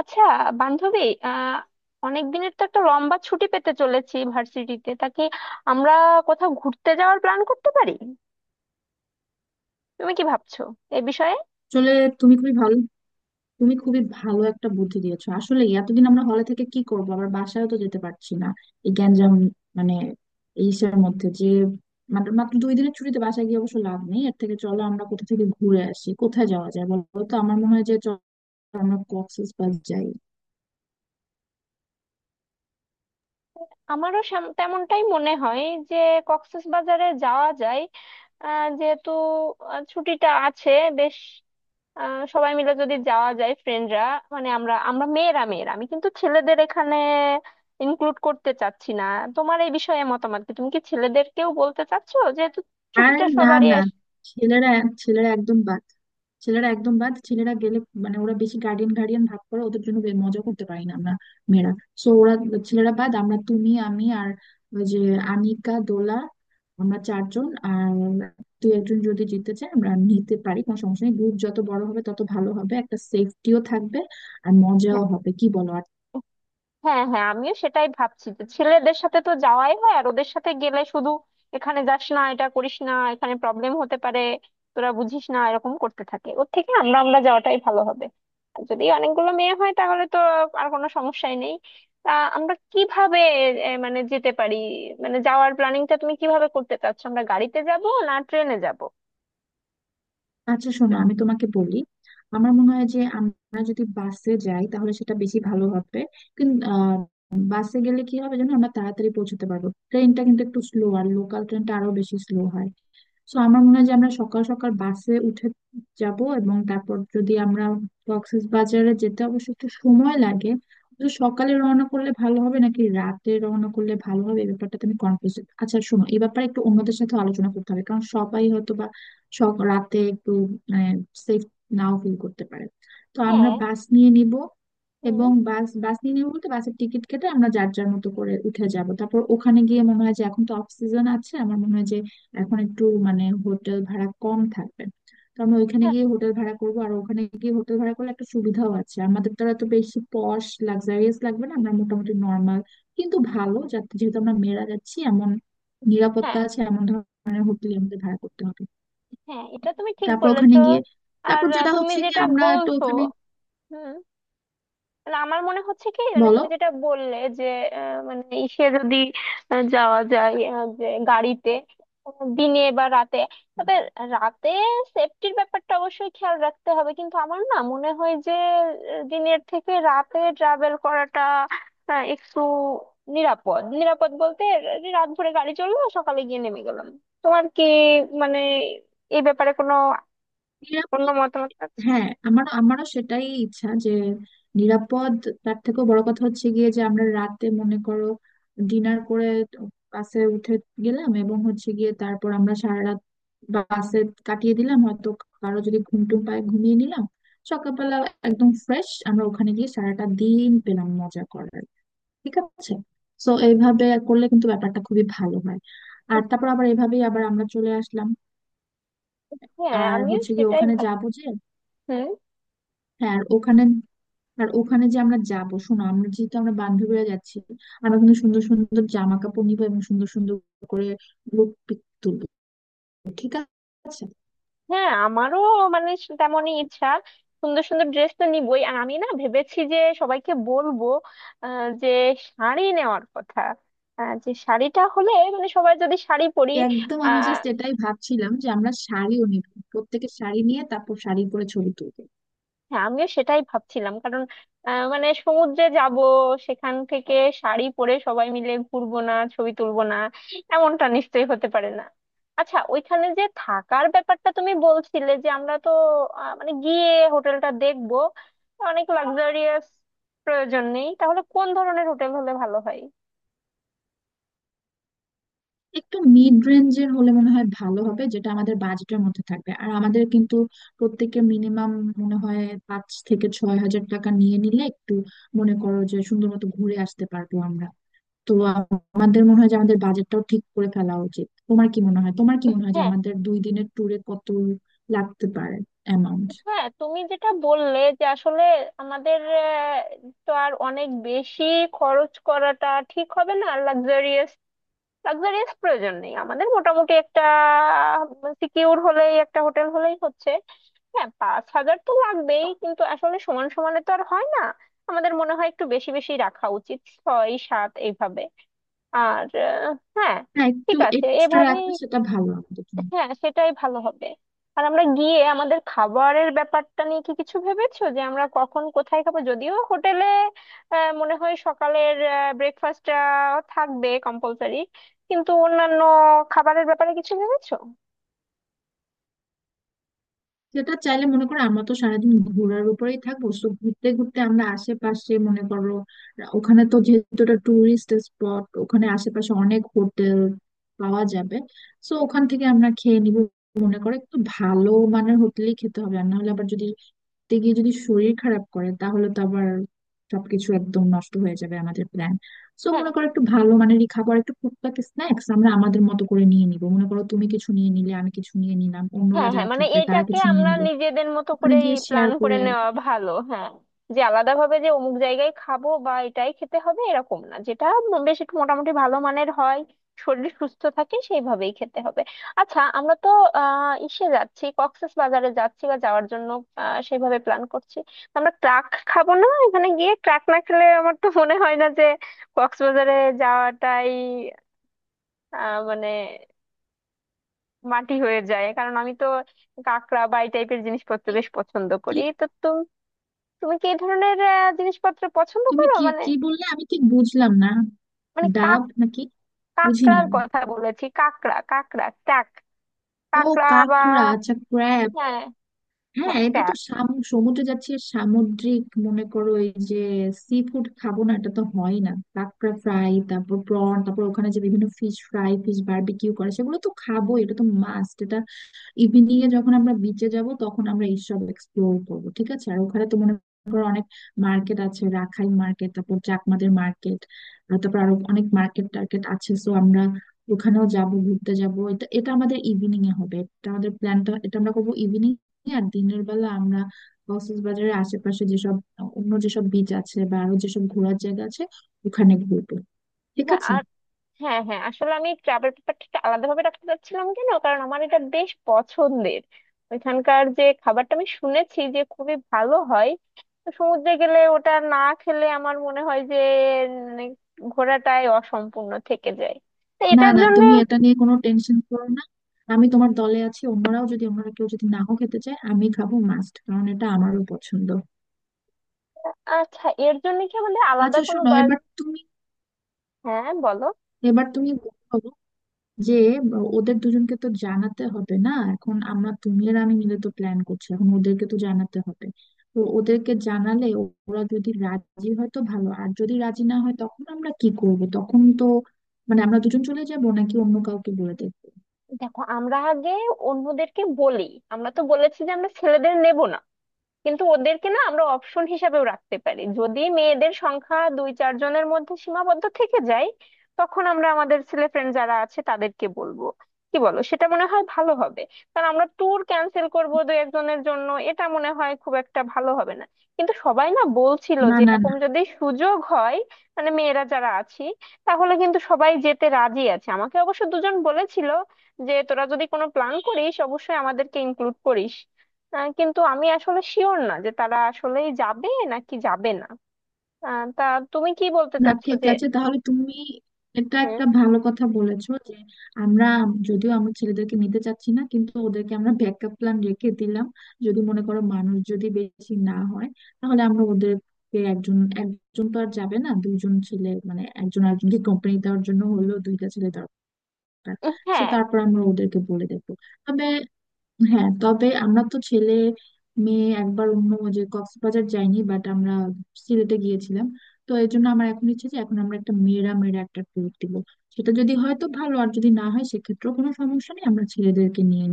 আচ্ছা বান্ধবী, আহ অনেক দিনের তো একটা লম্বা ছুটি পেতে চলেছি ভার্সিটিতে। তা কি আমরা কোথাও ঘুরতে যাওয়ার প্ল্যান করতে পারি? তুমি কি ভাবছো এ বিষয়ে? আসলে, তুমি খুবই ভালো তুমি খুবই ভালো একটা বুদ্ধি দিয়েছো। আসলে এতদিন আমরা হলে থেকে কি করবো, আবার বাসায়ও তো যেতে পারছি না, এই গ্যাঞ্জাম মানে এইসের মধ্যে যে মাত্র মাত্র 2 দিনের ছুটিতে বাসায় গিয়ে অবশ্য লাভ নেই। এর থেকে চলো আমরা কোথা থেকে ঘুরে আসি। কোথায় যাওয়া যায় বলো তো? আমার মনে হয় যে চলো আমরা কক্সেস বাজার যাই। আমারও তেমনটাই মনে হয় যে কক্সবাজারে যাওয়া যায়। যেহেতু ছুটিটা আছে, বেশ সবাই মিলে যদি যাওয়া যায় ফ্রেন্ডরা। মানে আমরা আমরা মেয়েরা মেয়েরা আমি কিন্তু ছেলেদের এখানে ইনক্লুড করতে চাচ্ছি না। তোমার এই বিষয়ে মতামত কি? তুমি কি ছেলেদেরকেও বলতে চাচ্ছো, যেহেতু আর ছুটিটা না, সবারই? না, ছেলেরা ছেলেরা একদম বাদ ছেলেরা একদম বাদ ছেলেরা গেলে মানে ওরা বেশি গার্ডিয়ান গার্ডিয়ান ভাব করে, ওদের জন্য মজা করতে পারি না আমরা মেয়েরা। সো ওরা, ছেলেরা বাদ। আমরা তুমি আমি আর ওই যে আনিকা, দোলা, আমরা চারজন, আর তুই একজন যদি জিততে চায় আমরা নিতে পারি, কোনো সমস্যা নেই। গ্রুপ যত বড় হবে তত ভালো হবে, একটা সেফটিও থাকবে আর হ্যাঁ, মজাও হবে, কি বলো? হ্যাঁ, হ্যাঁ, আমিও সেটাই ভাবছি যে ছেলেদের সাথে তো যাওয়াই হয়, আর ওদের সাথে গেলে শুধু এখানে যাস না, এটা করিস না, এখানে প্রবলেম হতে পারে, তোরা বুঝিস না, এরকম করতে থাকে। ওর থেকে আমরা আমরা যাওয়াটাই ভালো হবে। আর যদি অনেকগুলো মেয়ে হয় তাহলে তো আর কোনো সমস্যাই নেই। তা আমরা কিভাবে মানে যেতে পারি, মানে যাওয়ার প্ল্যানিংটা তুমি কিভাবে করতে চাচ্ছ? আমরা গাড়িতে যাব না ট্রেনে যাব? আচ্ছা শোনো, আমি তোমাকে বলি। আমার মনে হয় যে আমরা যদি বাসে যাই তাহলে সেটা বেশি ভালো হবে। কিন্তু বাসে গেলে কি হবে জানো, আমরা তাড়াতাড়ি পৌঁছতে পারবো। ট্রেনটা কিন্তু একটু স্লো, আর লোকাল ট্রেনটা আরো বেশি স্লো হয়। সো আমার মনে হয় যে আমরা সকাল সকাল বাসে উঠে যাব, এবং তারপর যদি আমরা বাজারে যেতে অবশ্য একটু সময় লাগে, তো সকালে রওনা করলে ভালো হবে নাকি রাতে রওনা করলে ভালো হবে এই ব্যাপারটা তুমি কনফিউজ। আচ্ছা শোনো, এই ব্যাপারে একটু অন্যদের সাথে আলোচনা করতে হবে, কারণ সবাই হয়তো রাতে একটু মানে সেফ নাও ফিল করতে পারে। তো আমরা হ্যাঁ। বাস নিয়ে নিব, হুম। এবং বাস বাস নিয়ে নিবো বলতে বাসের টিকিট কেটে আমরা যার যার মতো করে উঠে যাব। তারপর ওখানে গিয়ে মনে হয় যে এখন তো অফ সিজন আছে। আমার মনে হয় যে এখন একটু মানে হোটেল ভাড়া কম থাকবে, তো আমরা ওইখানে হ্যাঁ, গিয়ে হোটেল ভাড়া করব। আর ওখানে গিয়ে হোটেল ভাড়া করলে একটা সুবিধাও আছে, আমাদের দ্বারা তো আর এত বেশি পশ লাক্সারিয়াস লাগবে না, আমরা মোটামুটি নর্মাল কিন্তু ভালো, যাতে যেহেতু আমরা মেয়েরা যাচ্ছি, এমন নিরাপত্তা হ্যাঁ, আছে এমন ধরনের হোটেল আমাদের ভাড়া করতে হবে। হ্যাঁ, এটা তুমি ঠিক তারপর ওখানে বলেছো। গিয়ে আর তারপর যেটা তুমি হচ্ছে কি যেটা আমরা একটু বলছো, ওখানে, মানে আমার মনে হচ্ছে কি, মানে বলো, তুমি যেটা বললে যে মানে যদি যাওয়া যায় যে গাড়িতে, দিনে বা রাতে, তবে রাতে সেফটির ব্যাপারটা অবশ্যই খেয়াল রাখতে হবে। কিন্তু আমার না মনে হয় যে দিনের থেকে রাতে ট্রাভেল করাটা একটু নিরাপদ। নিরাপদ বলতে, যে রাত ভোরে গাড়ি চললো, সকালে গিয়ে নেমে গেলাম। তোমার কি মানে এই ব্যাপারে কোনো অন্য নিরাপদ। মতামত আছে? হ্যাঁ, আমারও সেটাই ইচ্ছা যে নিরাপদ। তার থেকেও বড় কথা হচ্ছে গিয়ে যে আমরা রাতে মনে করো ডিনার করে বাসে উঠে গেলাম, এবং হচ্ছে গিয়ে তারপর আমরা সারা রাত বাসে কাটিয়ে দিলাম, হয়তো কারো যদি ঘুম টুম পায় ঘুমিয়ে নিলাম। সকালবেলা একদম ফ্রেশ আমরা ওখানে গিয়ে সারাটা দিন পেলাম মজা করার, ঠিক আছে? সো এইভাবে করলে কিন্তু ব্যাপারটা খুবই ভালো হয়। আর তারপর আবার এভাবেই আবার আমরা চলে আসলাম। হ্যাঁ, আর আমিও হচ্ছে গিয়ে সেটাই ওখানে ভাবছি। যাবো যে, হ্যাঁ। আর ওখানে যে আমরা যাবো, শোনো, যেহেতু আমরা বান্ধবীরা যাচ্ছি, আমরা কিন্তু সুন্দর সুন্দর জামা কাপড় নিবো এবং সুন্দর সুন্দর করে লুক পিক তুলবো, ঠিক আছে? হ্যাঁ, আমারও মানে তেমনই ইচ্ছা। সুন্দর সুন্দর ড্রেস তো নিবই, আর আমি না ভেবেছি যে সবাইকে বলবো যে শাড়ি নেওয়ার কথা, যে শাড়িটা হলে, মানে সবাই যদি শাড়ি পরি। একদম, আমি জাস্ট এটাই ভাবছিলাম যে আমরা শাড়িও নিব। প্রত্যেকের শাড়ি নিয়ে তারপর শাড়ি পরে ছবি তুলবো। হ্যাঁ, আমিও সেটাই ভাবছিলাম, কারণ মানে সমুদ্রে যাব, সেখান থেকে শাড়ি পরে সবাই মিলে ঘুরবো না, ছবি তুলবো না, এমনটা নিশ্চয়ই হতে পারে না। আচ্ছা, ওইখানে যে থাকার ব্যাপারটা তুমি বলছিলে যে আমরা তো মানে গিয়ে হোটেলটা দেখবো, অনেক লাক্সারিয়াস প্রয়োজন নেই, তাহলে কোন ধরনের হোটেল হলে ভালো হয়? একটু মিড রেঞ্জের হলে মনে হয় ভালো হবে, যেটা আমাদের বাজেটের মধ্যে থাকবে। আর আমাদের কিন্তু প্রত্যেকের মিনিমাম মনে হয় 5 থেকে 6 হাজার টাকা নিয়ে নিলে একটু মনে করো যে সুন্দর মতো ঘুরে আসতে পারবো আমরা। তো আমাদের মনে হয় যে আমাদের বাজেটটাও ঠিক করে ফেলা উচিত। তোমার কি মনে হয় যে হ্যাঁ, আমাদের 2 দিনের ট্যুরে কত লাগতে পারে অ্যামাউন্ট? হ্যাঁ, তুমি যেটা বললে যে আসলে আমাদের তো আর অনেক বেশি খরচ করাটা ঠিক হবে না, লাক্সারিয়াস। লাক্সারিয়াস প্রয়োজন নেই, আমাদের মোটামুটি একটা সিকিউর হলেই, একটা হোটেল হলেই হচ্ছে। হ্যাঁ, 5,000 তো লাগবেই, কিন্তু আসলে সমান সমানে তো আর হয় না। আমাদের মনে হয় একটু বেশি বেশি রাখা উচিত, ছয় সাত এইভাবে। আর হ্যাঁ। হ্যাঁ, একটু ঠিক আছে, এক্সট্রা এভাবেই। রাখলে সেটা ভালো আমাদের জন্য। হ্যাঁ, সেটাই ভালো হবে। আর আমরা গিয়ে আমাদের খাবারের ব্যাপারটা নিয়ে কি কিছু ভেবেছো যে আমরা কখন কোথায় খাবো? যদিও হোটেলে মনে হয় সকালের ব্রেকফাস্টটা থাকবে কম্পালসারি, কিন্তু অন্যান্য খাবারের ব্যাপারে কিছু ভেবেছো? সেটা চাইলে মনে করো আমরা তো সারাদিন ঘোরার উপরেই থাকবো, তো ঘুরতে ঘুরতে আমরা আশেপাশে মনে করো, ওখানে তো যেহেতু এটা টুরিস্ট স্পট ওখানে আশেপাশে অনেক হোটেল পাওয়া যাবে, তো ওখান থেকে আমরা খেয়ে নিব। মনে করো একটু ভালো মানের হোটেলই খেতে হবে, আর না হলে আবার যদি ঘুরতে গিয়ে যদি শরীর খারাপ করে তাহলে তো আবার সবকিছু একদম নষ্ট হয়ে যাবে আমাদের প্ল্যান। সো মনে করো একটু ভালো মানেরই খাবার, একটু টুকটাক স্ন্যাক্স আমরা আমাদের মতো করে নিয়ে নিব। মনে করো তুমি কিছু নিয়ে নিলে, আমি কিছু নিয়ে নিলাম, অন্যরা হ্যাঁ, হ্যাঁ, যারা মানে থাকবে তারা এটাকে কিছু নিয়ে আমরা নিল, নিজেদের মতো ওখানে করেই গিয়ে শেয়ার প্ল্যান করে করে। নেওয়া ভালো। হ্যাঁ, যে আলাদা ভাবে যে অমুক জায়গায় খাবো বা এটাই খেতে হবে এরকম না, যেটা বেশ একটু মোটামুটি ভালো মানের হয়, শরীর সুস্থ থাকে সেইভাবেই খেতে হবে। আচ্ছা, আমরা তো যাচ্ছি, কক্সেস বাজারে যাচ্ছি বা যাওয়ার জন্য সেইভাবে প্ল্যান করছি। তো আমরা ট্রাক খাবো না? এখানে গিয়ে ট্রাক না খেলে আমার তো মনে হয় না যে কক্সবাজারে যাওয়াটাই মানে মাটি হয়ে যায়। কারণ আমি তো কাঁকড়া বা এই টাইপের জিনিসপত্র কি বেশ পছন্দ কি করি। তো তুমি তুমি কি এই ধরনের জিনিসপত্র পছন্দ তুমি করো কি মানে? কি বললে আমি ঠিক বুঝলাম না। মানে ডাব নাকি? বুঝিনি কাঁকড়ার আমি। কথা বলেছি, কাঁকড়া, কাঁকড়া, ট্যাক, ও, কাঁকড়া বা কাঁকড়া, আচ্ছা, ক্র্যাব। হ্যাঁ, হ্যাঁ, হ্যাঁ, এটা তো সমুদ্রে যাচ্ছি আর সামুদ্রিক মনে করো এই যে সি ফুড খাবো না, এটা তো হয় না। কাঁকড়া ফ্রাই, তারপর প্রন, তারপর ওখানে যে বিভিন্ন ফিশ ফ্রাই, ফিশ বারবিকিউ করে সেগুলো তো খাবো, এটা তো মাস্ট। ইভিনিং এ যখন আমরা বিচে যাব তখন আমরা এইসব এক্সপ্লোর করব, ঠিক আছে? আর ওখানে তো মনে করো অনেক মার্কেট আছে, রাখাইন মার্কেট, তারপর চাকমাদের মার্কেট, তারপর আরো অনেক মার্কেট টার্কেট আছে, সো আমরা ওখানেও যাব, ঘুরতে যাব, এটা এটা আমাদের ইভিনিং এ হবে। এটা আমাদের প্ল্যানটা, এটা আমরা করবো ইভিনিং এ। আর দিনের বেলা আমরা কক্সবাজারের আশেপাশে যেসব অন্য যেসব বিচ আছে বা আরো যেসব ঘোরার জায়গা আছে ওখানে ঘুরবো, ঠিক আছে? ট্যাক। হ্যাঁ, হ্যাঁ, আসলে আমি ট্রাভেল ব্যাপারটা একটু আলাদাভাবে রাখতে চাচ্ছিলাম। কেন? কারণ আমার এটা বেশ পছন্দের। ওইখানকার যে খাবারটা আমি শুনেছি যে খুবই ভালো হয়, তো সমুদ্রে গেলে ওটা না খেলে আমার মনে হয় যে মানে ঘোরাটাই অসম্পূর্ণ থেকে যায়। তো না, এটার না, জন্য তুমি এটা নিয়ে কোনো টেনশন করো না। আমি তোমার দলে আছি, অন্যরাও যদি, অন্যরা কেউ যদি নাও খেতে চায় আমি খাবো মাস্ট, কারণ এটা আমারও পছন্দ। আচ্ছা, এর জন্য কি আমাদের আলাদা আচ্ছা কোনো শোনো, বাস? এবার তুমি হ্যাঁ, বলো। এবার তুমি বলো যে ওদের দুজনকে তো জানাতে হবে না? এখন আমরা তুমি আর আমি মিলে তো প্ল্যান করছি, এখন ওদেরকে তো জানাতে হবে। তো ওদেরকে জানালে ওরা যদি রাজি হয় তো ভালো, আর যদি রাজি না হয় তখন আমরা কি করব? তখন তো মানে আমরা দুজন চলে যাব নাকি অন্য কাউকে বলে দেবো? দেখো, আমরা আগে অন্যদেরকে বলি। আমরা তো বলেছি যে আমরা ছেলেদের নেব না, কিন্তু ওদেরকে না আমরা অপশন হিসাবেও রাখতে পারি। যদি মেয়েদের সংখ্যা দুই চার জনের মধ্যে সীমাবদ্ধ থেকে যায়, তখন আমরা আমাদের ছেলে ফ্রেন্ড যারা আছে তাদেরকে বলবো। কি বলো, সেটা মনে হয় ভালো হবে? কারণ আমরা ট্যুর ক্যান্সেল করব দুই একজনের জন্য, এটা মনে হয় খুব একটা ভালো হবে না। কিন্তু সবাই না বলছিল না, যে না, না, এরকম যদি সুযোগ হয়, মানে মেয়েরা যারা আছি, তাহলে কিন্তু সবাই যেতে রাজি আছে। আমাকে অবশ্য দুজন বলেছিল যে তোরা যদি কোনো প্ল্যান করিস অবশ্যই আমাদেরকে ইনক্লুড করিস। কিন্তু আমি আসলে শিওর না যে তারা আসলেই যাবে নাকি যাবে না। তা তুমি কি বলতে না, চাচ্ছো ঠিক যে আছে, তাহলে তুমি এটা হ্যাঁ। একটা ভালো কথা বলেছো যে আমরা, যদিও আমার ছেলেদেরকে নিতে চাচ্ছি না কিন্তু ওদেরকে আমরা ব্যাকআপ প্ল্যান রেখে দিলাম। যদি মনে করো মানুষ যদি বেশি না হয় তাহলে আমরা ওদেরকে, একজন একজন তো আর যাবে না, দুইজন ছেলে, মানে একজন আরেকজনকে কোম্পানি দেওয়ার জন্য হলেও দুইটা ছেলে দরকার, তো হ্যাঁ, তারপর আমরা ওদেরকে বলে দেবো। তবে হ্যাঁ, তবে আমরা তো ছেলে মেয়ে একবার অন্য যে কক্সবাজার যাইনি, বাট আমরা সিলেটে গিয়েছিলাম। তো এই জন্য আমার এখন ইচ্ছে যে এখন আমরা একটা মেয়েরা মেয়েরা একটা ট্যুর দিব। সেটা যদি হয় তো ভালো, আর যদি না হয় সেক্ষেত্রেও কোনো সমস্যা নেই, আমরা ছেলেদেরকে নিয়ে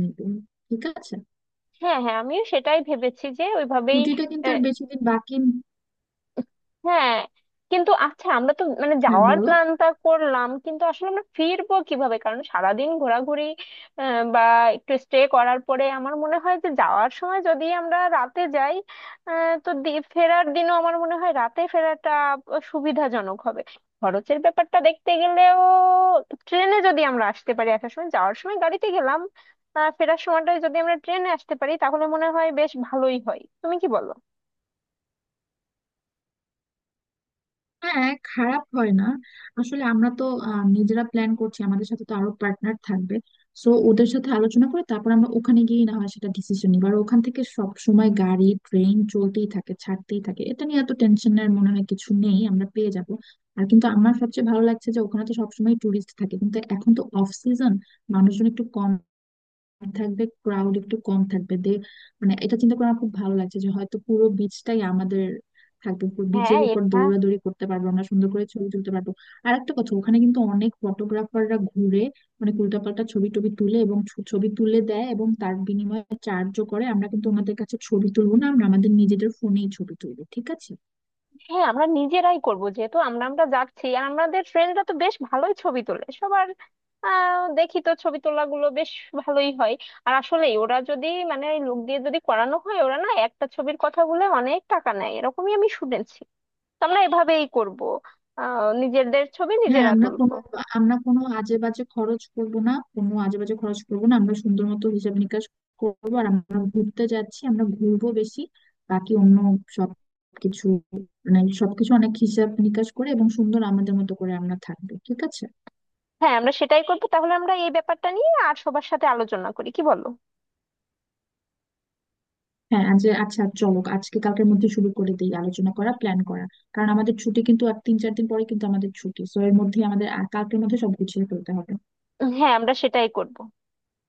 নিব, ঠিক আছে? হ্যাঁ, হ্যাঁ, আমিও সেটাই ভেবেছি যে ওইভাবেই। ছুটিটা কিন্তু আর বেশি দিন বাকি। হ্যাঁ, কিন্তু আচ্ছা, আমরা তো মানে হ্যাঁ যাওয়ার বলো। প্ল্যানটা করলাম, কিন্তু আসলে আমরা ফিরবো কিভাবে? কারণ সারাদিন ঘোরাঘুরি বা একটু স্টে করার পরে আমার মনে হয় যে যাওয়ার সময় যদি আমরা রাতে যাই, তো ফেরার দিনও আমার মনে হয় রাতে ফেরাটা সুবিধাজনক হবে। খরচের ব্যাপারটা দেখতে গেলেও, ট্রেনে যদি আমরা আসতে পারি, আসার সময়, যাওয়ার সময় গাড়িতে গেলাম, ফেরার সময়টা যদি আমরা ট্রেনে আসতে পারি, তাহলে মনে হয় বেশ ভালোই হয়। তুমি কি বলো? হ্যাঁ, খারাপ হয় না। আসলে আমরা তো নিজেরা প্ল্যান করছি, আমাদের সাথে তো আরো পার্টনার থাকবে। সো ওদের সাথে আলোচনা করে তারপর আমরা ওখানে গিয়ে না হয় সেটা ডিসিশন নিব, আর ওখান থেকে সব সময় গাড়ি ট্রেন চলতেই থাকে, ছাড়তেই থাকে, এটা নিয়ে এত টেনশনের মনে হয় কিছু নেই, আমরা পেয়ে যাব। আর কিন্তু আমার সবচেয়ে ভালো লাগছে যে ওখানে তো সবসময় টুরিস্ট থাকে কিন্তু এখন তো অফ সিজন, মানুষজন একটু কম থাকবে, ক্রাউড একটু কম থাকবে। মানে এটা চিন্তা করে আমার খুব ভালো লাগছে যে হয়তো পুরো বিচটাই আমাদের থাকবে, পুরো হ্যাঁ, বিচের উপর এটা দৌড়াদৌড়ি করতে পারবো, আমরা সুন্দর করে ছবি তুলতে পারবো। আর একটা কথা, ওখানে কিন্তু অনেক ফটোগ্রাফাররা ঘুরে মানে উল্টাপাল্টা ছবি টবি তুলে এবং ছবি তুলে দেয় এবং তার বিনিময়ে চার্জও করে। আমরা কিন্তু ওনাদের কাছে ছবি তুলবো না, আমরা আমাদের নিজেদের ফোনেই ছবি তুলবো, ঠিক আছে? হ্যাঁ, আমরা নিজেরাই করব। যেহেতু আমরা আমরা যাচ্ছি, আর আমাদের ফ্রেন্ডরা তো বেশ ভালোই ছবি তোলে সবার। দেখি তো ছবি তোলাগুলো বেশ ভালোই হয়। আর আসলে ওরা যদি মানে ওই লোক দিয়ে যদি করানো হয়, ওরা না একটা ছবির কথা বলে অনেক টাকা নেয়, এরকমই আমি শুনেছি। তো আমরা এভাবেই করব, নিজেদের ছবি হ্যাঁ, নিজেরা আমরা তুলবো। কোনো আমরা কোনো আজে বাজে খরচ করব না। আমরা সুন্দর মতো হিসাব নিকাশ করবো, আর আমরা ঘুরতে যাচ্ছি আমরা ঘুরবো বেশি, বাকি অন্য সব কিছু মানে সবকিছু অনেক হিসাব নিকাশ করে এবং সুন্দর আমাদের মতো করে আমরা থাকবো, ঠিক আছে? হ্যাঁ, আমরা সেটাই করবো। তাহলে আমরা এই ব্যাপারটা নিয়ে আর সবার সাথে আলোচনা করি, কি বলো? হ্যাঁ, আজ, আচ্ছা চলো আজকে কালকের মধ্যে শুরু করে দিই আলোচনা করা, প্ল্যান করা। কারণ আমাদের ছুটি কিন্তু আর 3-4 দিন পরে কিন্তু আমাদের ছুটি, সো এর মধ্যে আমাদের কালকের মধ্যে সব গুছিয়ে ফেলতে হবে। হ্যাঁ, আমরা সেটাই করব।